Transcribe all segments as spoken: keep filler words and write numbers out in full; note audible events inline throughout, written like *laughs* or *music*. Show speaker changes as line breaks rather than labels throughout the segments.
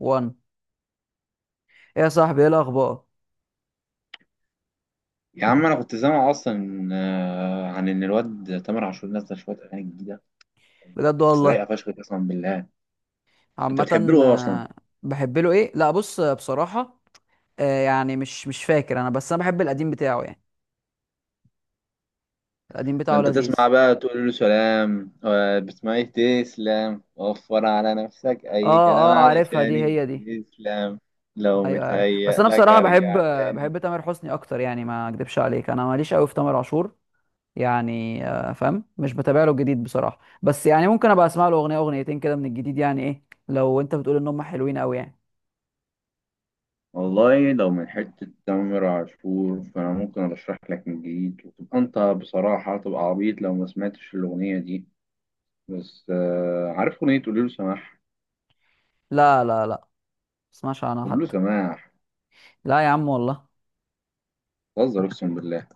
واحد. ايه يا صاحبي، ايه الاخبار؟
يا عم انا كنت سامع اصلا آه، عن ان الواد تامر عاشور نزل شويه اغاني جديده
بجد
بس لايقه
والله.
فشخ قسما بالله. انت بتحب
عامه.
له إيه اصلا؟
آه، بحب له ايه. لا بص، آه، بصراحه آه، يعني مش مش فاكر انا، بس انا بحب القديم بتاعه يعني. القديم
ده
بتاعه
انت
لذيذ.
تسمع بقى تقول له سلام، آه، بتسمع ايه؟ تسلم وفر على نفسك اي كلام
اه اه، عارفها دي،
علشان
هي دي.
تسلم. لو
ايوه أيوة، عارف. بس
متهيأ
انا
لك
بصراحه بحب،
ارجع
آه،
تاني.
بحب تامر حسني اكتر يعني، ما اكدبش عليك انا ماليش قوي في تامر عاشور. يعني آه، فاهم، مش بتابع له الجديد بصراحه، بس يعني ممكن ابقى اسمع له اغنيه اغنيتين كده من الجديد. يعني ايه لو انت بتقول ان هم حلوين قوي يعني.
والله لو من حتة تامر عاشور فأنا ممكن أرشح لك من جديد وتبقى أنت بصراحة تبقى عبيط لو ما سمعتش الأغنية دي. بس آه، عارف أغنية قوليله سماح؟
لا لا لا، ما اسمعش عنها
كله
حتى.
سماح.
لا يا عم والله.
بتهزر اقسم بالله،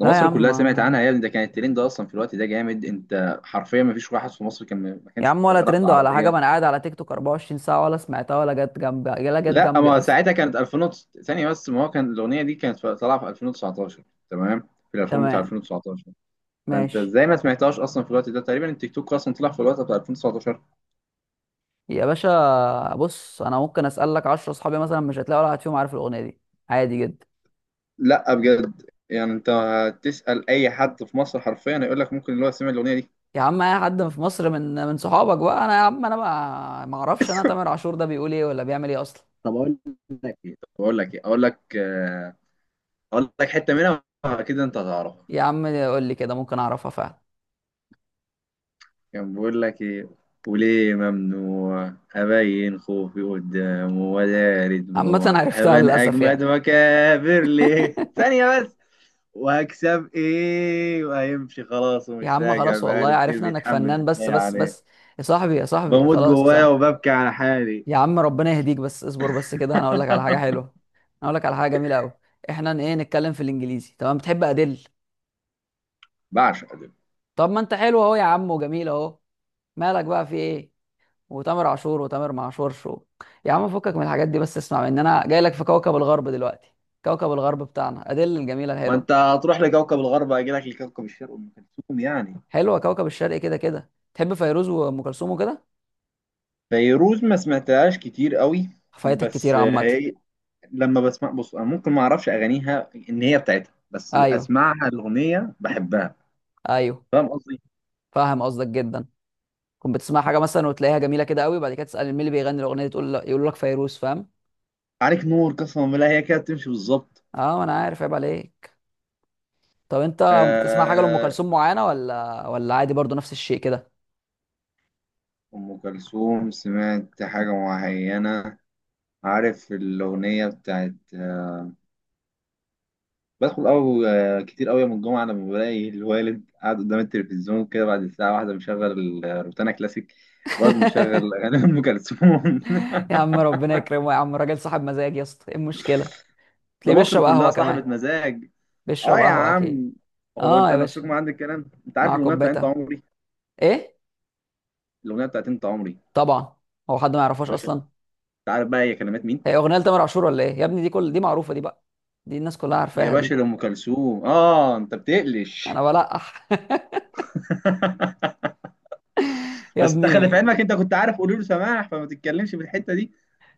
ده
لا يا
مصر
عم.
كلها سمعت عنها يا ابني. ده كان الترند ده اصلا في الوقت ده، جامد. انت حرفيا ما فيش واحد في مصر كان ما
يا
كانش
عم، ولا
شغاله في
ترند ولا حاجه، ما
العربيه.
انا قاعد على تيك توك أربعة وعشرين ساعه، ولا سمعتها ولا جت جنبي، ولا جت
لا
جنبي
ما
اصلا.
ساعتها كانت الفين وتس- ثانيه بس. ما هو كان الاغنيه دي كانت في- طالعه في الفين وتسعتاشر، تمام؟ في الالبوم بتاع
تمام.
الفين وتسعتاشر. فانت
ماشي.
ازاي ما سمعتهاش اصلا في الوقت ده؟ تقريبا التيك توك اصلا طلع في الوقت بتاع الفين وتسعتاشر.
يا باشا بص، انا ممكن اسالك عشرة اصحابي مثلا مش هتلاقي ولا واحد فيهم عارف الاغنيه دي. عادي جدا.
لا بجد يعني، انت تسال اي حد في مصر حرفيا يقول لك ممكن اللي هو سمع الاغنيه دي.
يا عم، اي حد في مصر من من صحابك بقى. انا يا عم، انا بقى ما اعرفش انا تامر عاشور ده بيقول ايه ولا بيعمل ايه اصلا.
طب اقول لك، طب اقول لك ايه، اقول لك آه، اقول لك حته منها اكيد انت هتعرفها.
يا عم قول لي كده، ممكن اعرفها فعلا.
كان بيقول لك ايه؟ وليه ممنوع ابين خوفي قدامه ولا
عامه
دموع
عرفتها
ابان
للاسف
اجمد
يعني.
واكابر ليه،
*laughs*
ثانيه بس. وهكسب ايه وهيمشي خلاص
يا
ومش
عم
راجع
خلاص والله،
بقاله كتير
عرفنا انك
بيتحمل
فنان بس
حكايه
بس
عليه.
بس. يا صاحبي يا صاحبي،
بموت
خلاص يا
جوايا
صاحبي.
وببكي على حالي.
يا عم ربنا يهديك، بس اصبر بس كده، انا اقول لك على حاجه حلوه. انا
*laughs*
اقول لك على حاجه جميله قوي. احنا ن- ايه، نتكلم في الانجليزي؟ تمام، بتحب ادل؟
بعشق دول.
طب ما انت حلو اهو يا عم، وجميل اهو. مالك بقى، في ايه؟ وتامر عاشور، وتامر معاشورش و... يا عم فكك من الحاجات دي بس، اسمع، ان انا جاي لك في كوكب الغرب دلوقتي. كوكب الغرب بتاعنا ادل، الجميله
ما
الحلوه.
انت هتروح لكوكب الغرب هيجي لك لكوكب الشرق، ام كلثوم يعني.
حلوه كوكب الشرق، كده كده تحب فيروز وام كلثوم وكده.
فيروز ما سمعتهاش كتير قوي.
فايتك كتير
بس
عامه.
هي لما بسمع، بص، انا ممكن ما اعرفش اغانيها ان هي بتاعتها بس
ايوه
اسمعها الاغنيه بحبها.
ايوه،
فاهم قصدي؟
فاهم قصدك جدا. كنت بتسمع حاجه مثلا وتلاقيها جميله كده قوي، وبعد كده تسال مين اللي بيغني الاغنيه دي، تقول يقول لك فيروز. فاهم.
عليك نور قسما بالله، هي كده بتمشي بالظبط.
اه انا عارف، عيب عليك. طب انت بتسمع حاجه لام
آه،
كلثوم معينه، ولا ولا عادي برضو نفس الشيء كده؟
ام كلثوم سمعت حاجه معينه، عارف الاغنيه بتاعت آه، بدخل أو آه، كتير قوي من الجمعه لما بلاقي الوالد قاعد قدام التلفزيون كده بعد الساعه واحده مشغل آه، روتانا كلاسيك، برضه مشغل
*laughs*
اغاني ام كلثوم.
يا عم
*laughs*
ربنا يكرمه، يا عم راجل صاحب مزاج يا اسطى، ايه المشكله.
ده
تلاقيه
مصر
بيشرب
كلها
قهوه
صاحبة
كمان.
مزاج. اه
بيشرب
يا
قهوه اكيد.
عم. هو
اه
انت
يا
نفسكم
باشا،
عندك كلام. انت عارف
مع
الاغنيه بتاعت انت
كوبايتها.
عمري؟
ايه،
الاغنيه بتاعت انت عمري،
طبعا، هو حد ما يعرفهاش
يا باشا
اصلا.
انت عارف بقى هي كلمات مين؟
هي اغنيه لتامر عاشور ولا ايه يا ابني؟ دي كل دي معروفه دي بقى، دي الناس كلها
يا
عارفاها
باشا
دي.
لام كلثوم، اه انت بتقلش.
انا بلقح.
*laughs*
*laughs* يا
بس انت خلي في
ابني.
علمك انت كنت عارف قولوا له سماح، فما تتكلمش في الحته دي.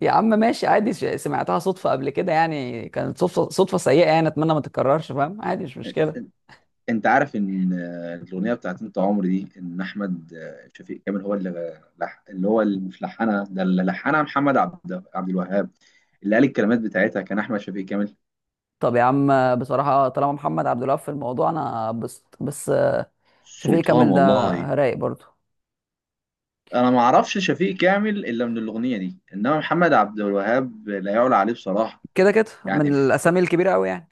يا عم ماشي عادي، ش- سمعتها صدفة قبل كده يعني، كانت صدفة صدفة سيئة يعني، أتمنى ما تتكررش، فاهم؟ عادي مش مشكلة.
انت عارف ان آه، الاغنيه بتاعت انت عمري دي ان احمد آه، شفيق كامل هو اللي لح- اللي هو اللي مش لحنها، ده اللي لحنها محمد عبد عبد الوهاب. اللي قال الكلمات بتاعتها كان احمد شفيق كامل.
طب يا عم بصراحة، طالما محمد عبد الوهاب في الموضوع، أنا بس بس. شفيق
سلطان
كامل ده
والله.
رايق برضه.
انا ما اعرفش شفيق كامل الا من الاغنيه دي، انما محمد عبد الوهاب لا يعلى عليه بصراحه.
كده كده من
يعني ف...
الأسامي الكبيرة أوي يعني.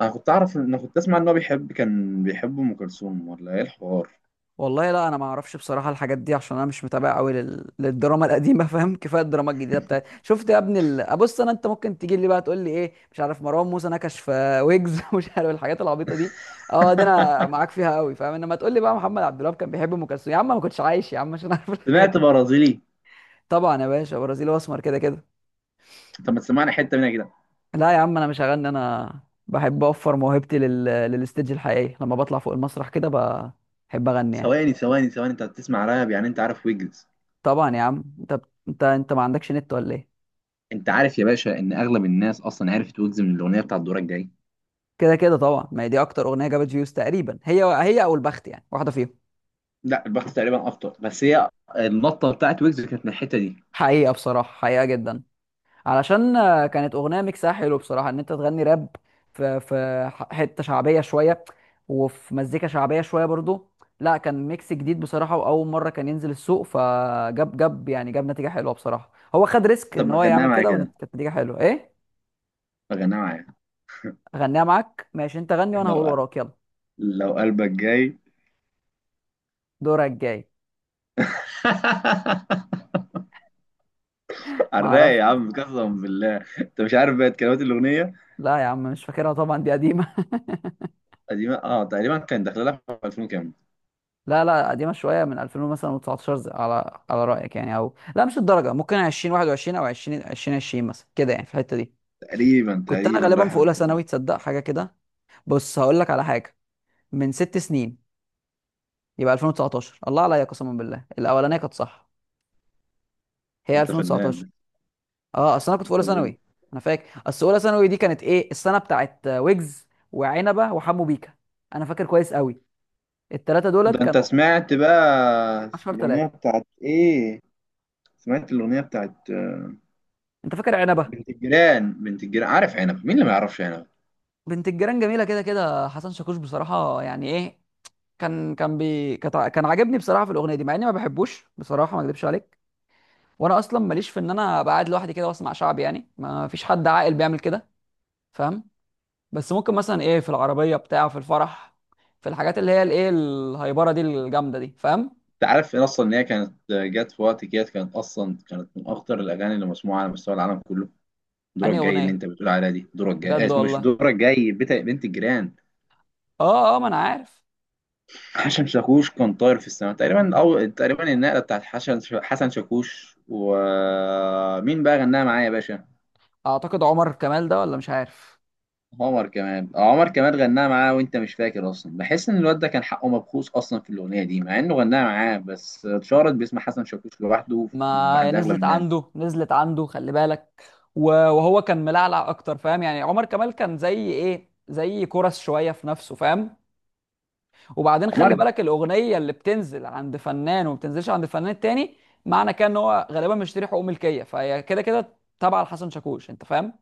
انا كنت اعرف، ان كنت اسمع ان هو بيحب، كان بيحب ام كلثوم ولا ايه الحوار.
والله لا، انا ما اعرفش بصراحه الحاجات دي عشان انا مش متابع قوي لل... للدراما القديمه. *laughs* فاهم، كفايه الدراما الجديده بتاعت، شفت يا ابني ال... بص انا، انت ممكن تيجي لي بقى تقول لي ايه، مش عارف مروان موسى نكش في ويجز. *laughs* مش عارف الحاجات العبيطه دي، اه دي انا معاك
*laughs*
فيها قوي، فاهم؟ انما تقول لي بقى محمد عبد الوهاب كان بيحب ام كلثوم، يا عم ما كنتش عايش يا عم عشان اعرف الحاجات
سمعت
دي.
برازيلي.
طبعا يا باشا، برازيلي واسمر كده كده.
طب ما تسمعني حته منها كده.
لا يا عم انا مش هغني انا، بحب اوفر موهبتي لل... للستيج الحقيقي لما بطلع فوق المسرح كده، ب- بحب اغني يعني.
ثواني ثواني ثواني، انت بتسمع راب يعني؟ انت عارف ويجز؟
طبعا يا عم، انت انت انت ما عندكش نت ولا ايه؟
انت عارف يا باشا ان اغلب الناس اصلا عرفت ويجز من الاغنيه بتاعت دورك جاي؟
كده كده طبعا، ما هي دي اكتر اغنيه جابت فيوز تقريبا، هي هي او البخت يعني، واحده فيهم.
لا البخت تقريبا اكتر، بس هي النطه بتاعت ويجز كانت من الحته دي.
حقيقه بصراحه، حقيقه جدا، علشان آه، كانت اغنيه ميكسها حلو بصراحه ان انت تغني راب في في ح- حته شعبيه شويه، وفي مزيكا شعبيه شويه برضو. لا كان ميكس جديد بصراحه، واول مره كان ينزل السوق، فجاب جاب يعني، جاب نتيجه حلوه بصراحه، هو خد ريسك
طب
ان
ما
هو
غناها
يعمل
معايا
كده،
كده،
وكانت نتيجه حلوه، ايه.
ما غناها معايا.
اغنيها معاك ماشي، انت غني وانا هقول
لو
وراك، يلا.
لو قلبك جاي.
دورك جاي.
*laughs*
*laughs* ما
حراق
اعرفش.
يا عم قسما بالله، انت مش عارف بقى كلمات الاغنيه.
لا يا عم مش فاكرها طبعا، دي قديمه.
قديمه اه، تقريبا كان داخله لها في الفين كام.
لا لا، قديمة شوية، من ألفين مثلا و19، ز- على على رأيك يعني، او لا مش الدرجة، ممكن ألفين وواحد وعشرين او عشرين ألفين وعشرين مثلا كده يعني في الحتة دي.
تقريبا
كنت انا
تقريبا
غالبا في
رايحه في
اولى
الحته
ثانوي،
دي.
تصدق حاجة كده. بص هقول لك على حاجة، من ست سنين يبقى ألفين وتسعتاشر. الله عليا، قسما بالله الاولانية كانت صح، هي
انت
ألفين وتسعتاشر.
فنان.
اه اصل انا كنت في اولى
طب
ثانوي. انا فاكر اصل اولى ثانوي دي كانت ايه، السنة بتاعت ويجز وعنبة وحمو بيكا، انا فاكر كويس قوي. الثلاثة دولت
ده انت
كانوا
سمعت بقى
عشرة
الاغنيه
ثلاثة.
بتاعت ايه؟ سمعت الاغنيه بتاعت آه،
انت فاكر عنبة؟
بنت الجيران؟ بنت الجيران، عارف عنب، مين اللي ما يعرفش عنب.
بنت الجيران جميله كده كده، حسن شاكوش بصراحه يعني ايه، كان كان بي كت- كان عاجبني بصراحه في الاغنيه دي مع اني ما بحبوش بصراحه، ما اكذبش عليك. وانا اصلا ماليش في ان انا ابقى قاعد لوحدي كده واسمع شعبي يعني، ما فيش حد عاقل بيعمل كده، فاهم؟ بس ممكن مثلا ايه في العربيه بتاع، في الفرح، في الحاجات اللي هي الايه، الهايبره دي، الجامده دي، فاهم؟
انت عارف إن اصلا ان هي كانت آه، جت في وقت كده كانت اصلا كانت من اخطر الاغاني اللي مسموعه على مستوى العالم كله. دورك
انهي
جاي اللي
اغنيه؟
انت بتقول عليها دي، دورك جاي
بجد
آه، مش
والله؟
دورك جاي، بتا- بنت الجيران.
اه اه، ما انا عارف.
حسن شاكوش كان طاير في السماء تقريبا، او تقريبا النقله بتاعت حسن، حسن شاكوش. ومين بقى غناها معايا يا باشا؟
اعتقد عمر كمال ده، ولا مش عارف.
عمر كمال، آه، عمر كمال غناها معاه وانت مش فاكر اصلا. بحس ان الواد ده كان حقه مبخوص اصلا في الاغنيه دي مع انه غناها معاه، بس اتشهرت باسم حسن شاكوش لوحده
ما
عند اغلب
نزلت
الناس.
عنده، نزلت عنده، خلي بالك. و- وهو كان ملعلع اكتر، فاهم؟ يعني عمر كمال كان زي ايه، زي كرس شويه في نفسه، فاهم؟ وبعدين خلي
عمر،
بالك، الاغنيه اللي بتنزل عند فنان وما بتنزلش عند فنان التاني، معنى كده ان هو غالبا مشتري حقوق ملكيه، فهي كده كده تابعه لحسن شاكوش، انت فاهم؟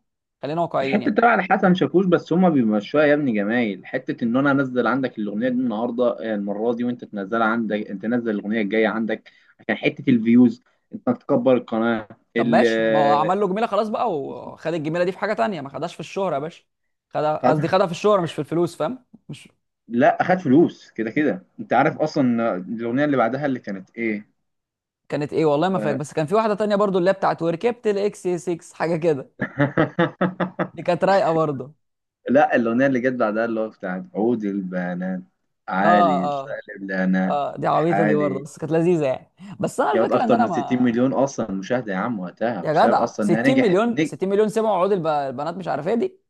خلينا واقعيين
الحته
يعني.
بتاع على حسن شاكوش بس، هما بيمشوها يا ابني جمايل. حته ان انا انزل عندك الاغنيه دي النهارده آه، المره دي، وانت تنزلها عندك، انت تنزل الاغنيه الجايه عندك عشان حته الفيوز، انت تكبر القناه.
طب
ال
ماشي، ما هو عمل له جميله خلاص بقى،
*laughs*
وخد الجميله دي في حاجه تانيه، ما خدهاش في الشهره يا باشا. خدها، قصدي
خدها.
خدها في الشهره مش في الفلوس، فاهم مش.
لا خد فلوس كده كده. انت عارف اصلا الاغنيه اللي بعدها اللي كانت ايه؟
كانت ايه والله ما فاكر،
آه.
بس كان في واحده تانية برضو اللي هي بتاعت وركبت الاكس اي ستة حاجه كده. دي
*laughs*
كانت رايقه برضو.
لا الاغنيه اللي جت بعدها اللي هو بتاعت عود البنات،
اه
عالي
اه
سالب لنا
اه، دي عبيطه دي برضو،
حالي.
بس كانت لذيذه يعني. بس انا
جابت
الفكره ان
اكتر
انا
من ستين
ما.
مليون اصلا مشاهده يا عم وقتها
يا
بسبب
جدع
اصلا انها
ستين
نجحت
مليون،
نج...
ستين مليون سمعوا عقود الب... البنات، مش عارف ايه دي.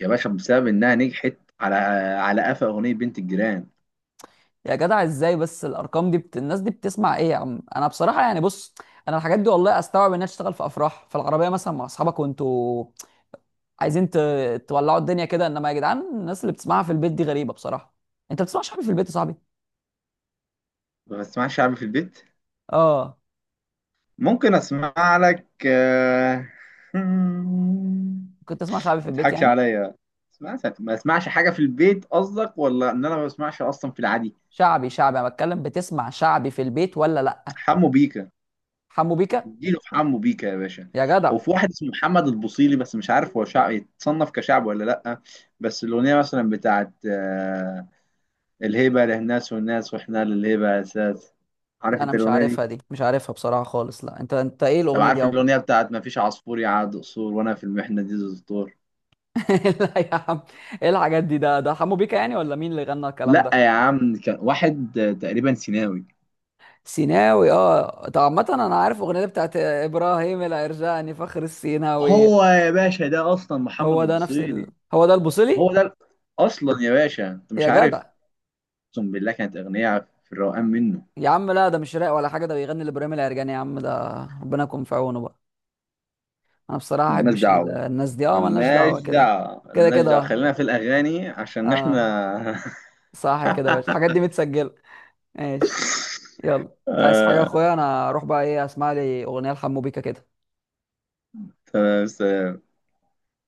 يا باشا بسبب انها نجحت على على قفا اغنيه بنت الجيران.
يا جدع ازاي، بس الارقام دي بت... الناس دي بتسمع ايه؟ يا عم انا بصراحه يعني بص، انا الحاجات دي والله استوعب انها تشتغل في افراح، في العربيه مثلا مع اصحابك وانتوا عايزين ت... تولعوا الدنيا كده، انما يا جدعان الناس اللي بتسمعها في البيت دي غريبه بصراحه. انت بتسمعش حاجه في البيت يا صاحبي؟
ما بسمعش شعبي في البيت.
اه.
ممكن اسمع لك آه، *laughs*
كنت تسمع شعبي في
ما
البيت
تضحكش
يعني؟
عليا. اسمع- ما اسمعش حاجه في البيت قصدك، ولا ان انا ما بسمعش اصلا في العادي؟
شعبي شعبي انا بتكلم، بتسمع شعبي في البيت ولا لا؟
حمو بيكا.
حمو بيكا.
اديله في حمو بيكا يا باشا.
يا جدع.
وفي واحد اسمه محمد البوصيلي بس مش عارف هو شعب يتصنف كشعب ولا لا. بس الاغنيه مثلا بتاعت آه، الهيبة للناس والناس وإحنا للهيبة أساس، عارف
انا
أنت
مش
الأغنية دي؟
عارفها، دي مش عارفها بصراحه خالص لا، انت انت ايه
طب
الاغنيه دي يا
عارف
عم؟
الأغنية بتاعت ما فيش عصفور يعاد قصور وأنا في المحنة دي ذو دستور؟
*laughs* لا يا عم، ايه الحاجات دي، ده ده حمو بيكا يعني ولا مين اللي غنى الكلام
لأ
ده؟
يا عم كان واحد تقريبا سيناوي.
سيناوي. اه طب عامه انا عارف الاغنيه دي بتاعت ابراهيم العرجاني فخر السيناوي.
هو يا باشا ده أصلا محمد
هو ده نفس ال...
البصيري.
هو ده البوصلي.
هو ده، أصلا يا باشا أنت
يا
مش عارف،
جدع.
أقسم بالله كانت أغنية في الروقان منه.
يا عم لا، ده مش راق ولا حاجه، ده بيغني لابراهيم العرجاني يا عم، ده ربنا يكون في عونه بقى. انا بصراحه ما
ملناش
احبش ال-
دعوة،
الناس دي، اه ملناش
ملناش
دعوه. كده
دعوة،
كده
ملناش
كده
دعوة،
اه.
خلينا في الأغاني عشان
اه.
إحنا.
صح كده يا باشا، الحاجات دي متسجله؟ ماشي. يلا،
*laughs*
انت عايز حاجه يا
آه،
اخويا؟ انا اروح بقى، ايه، اسمع لي اغنيه لحمو بيكا كده.
تمام،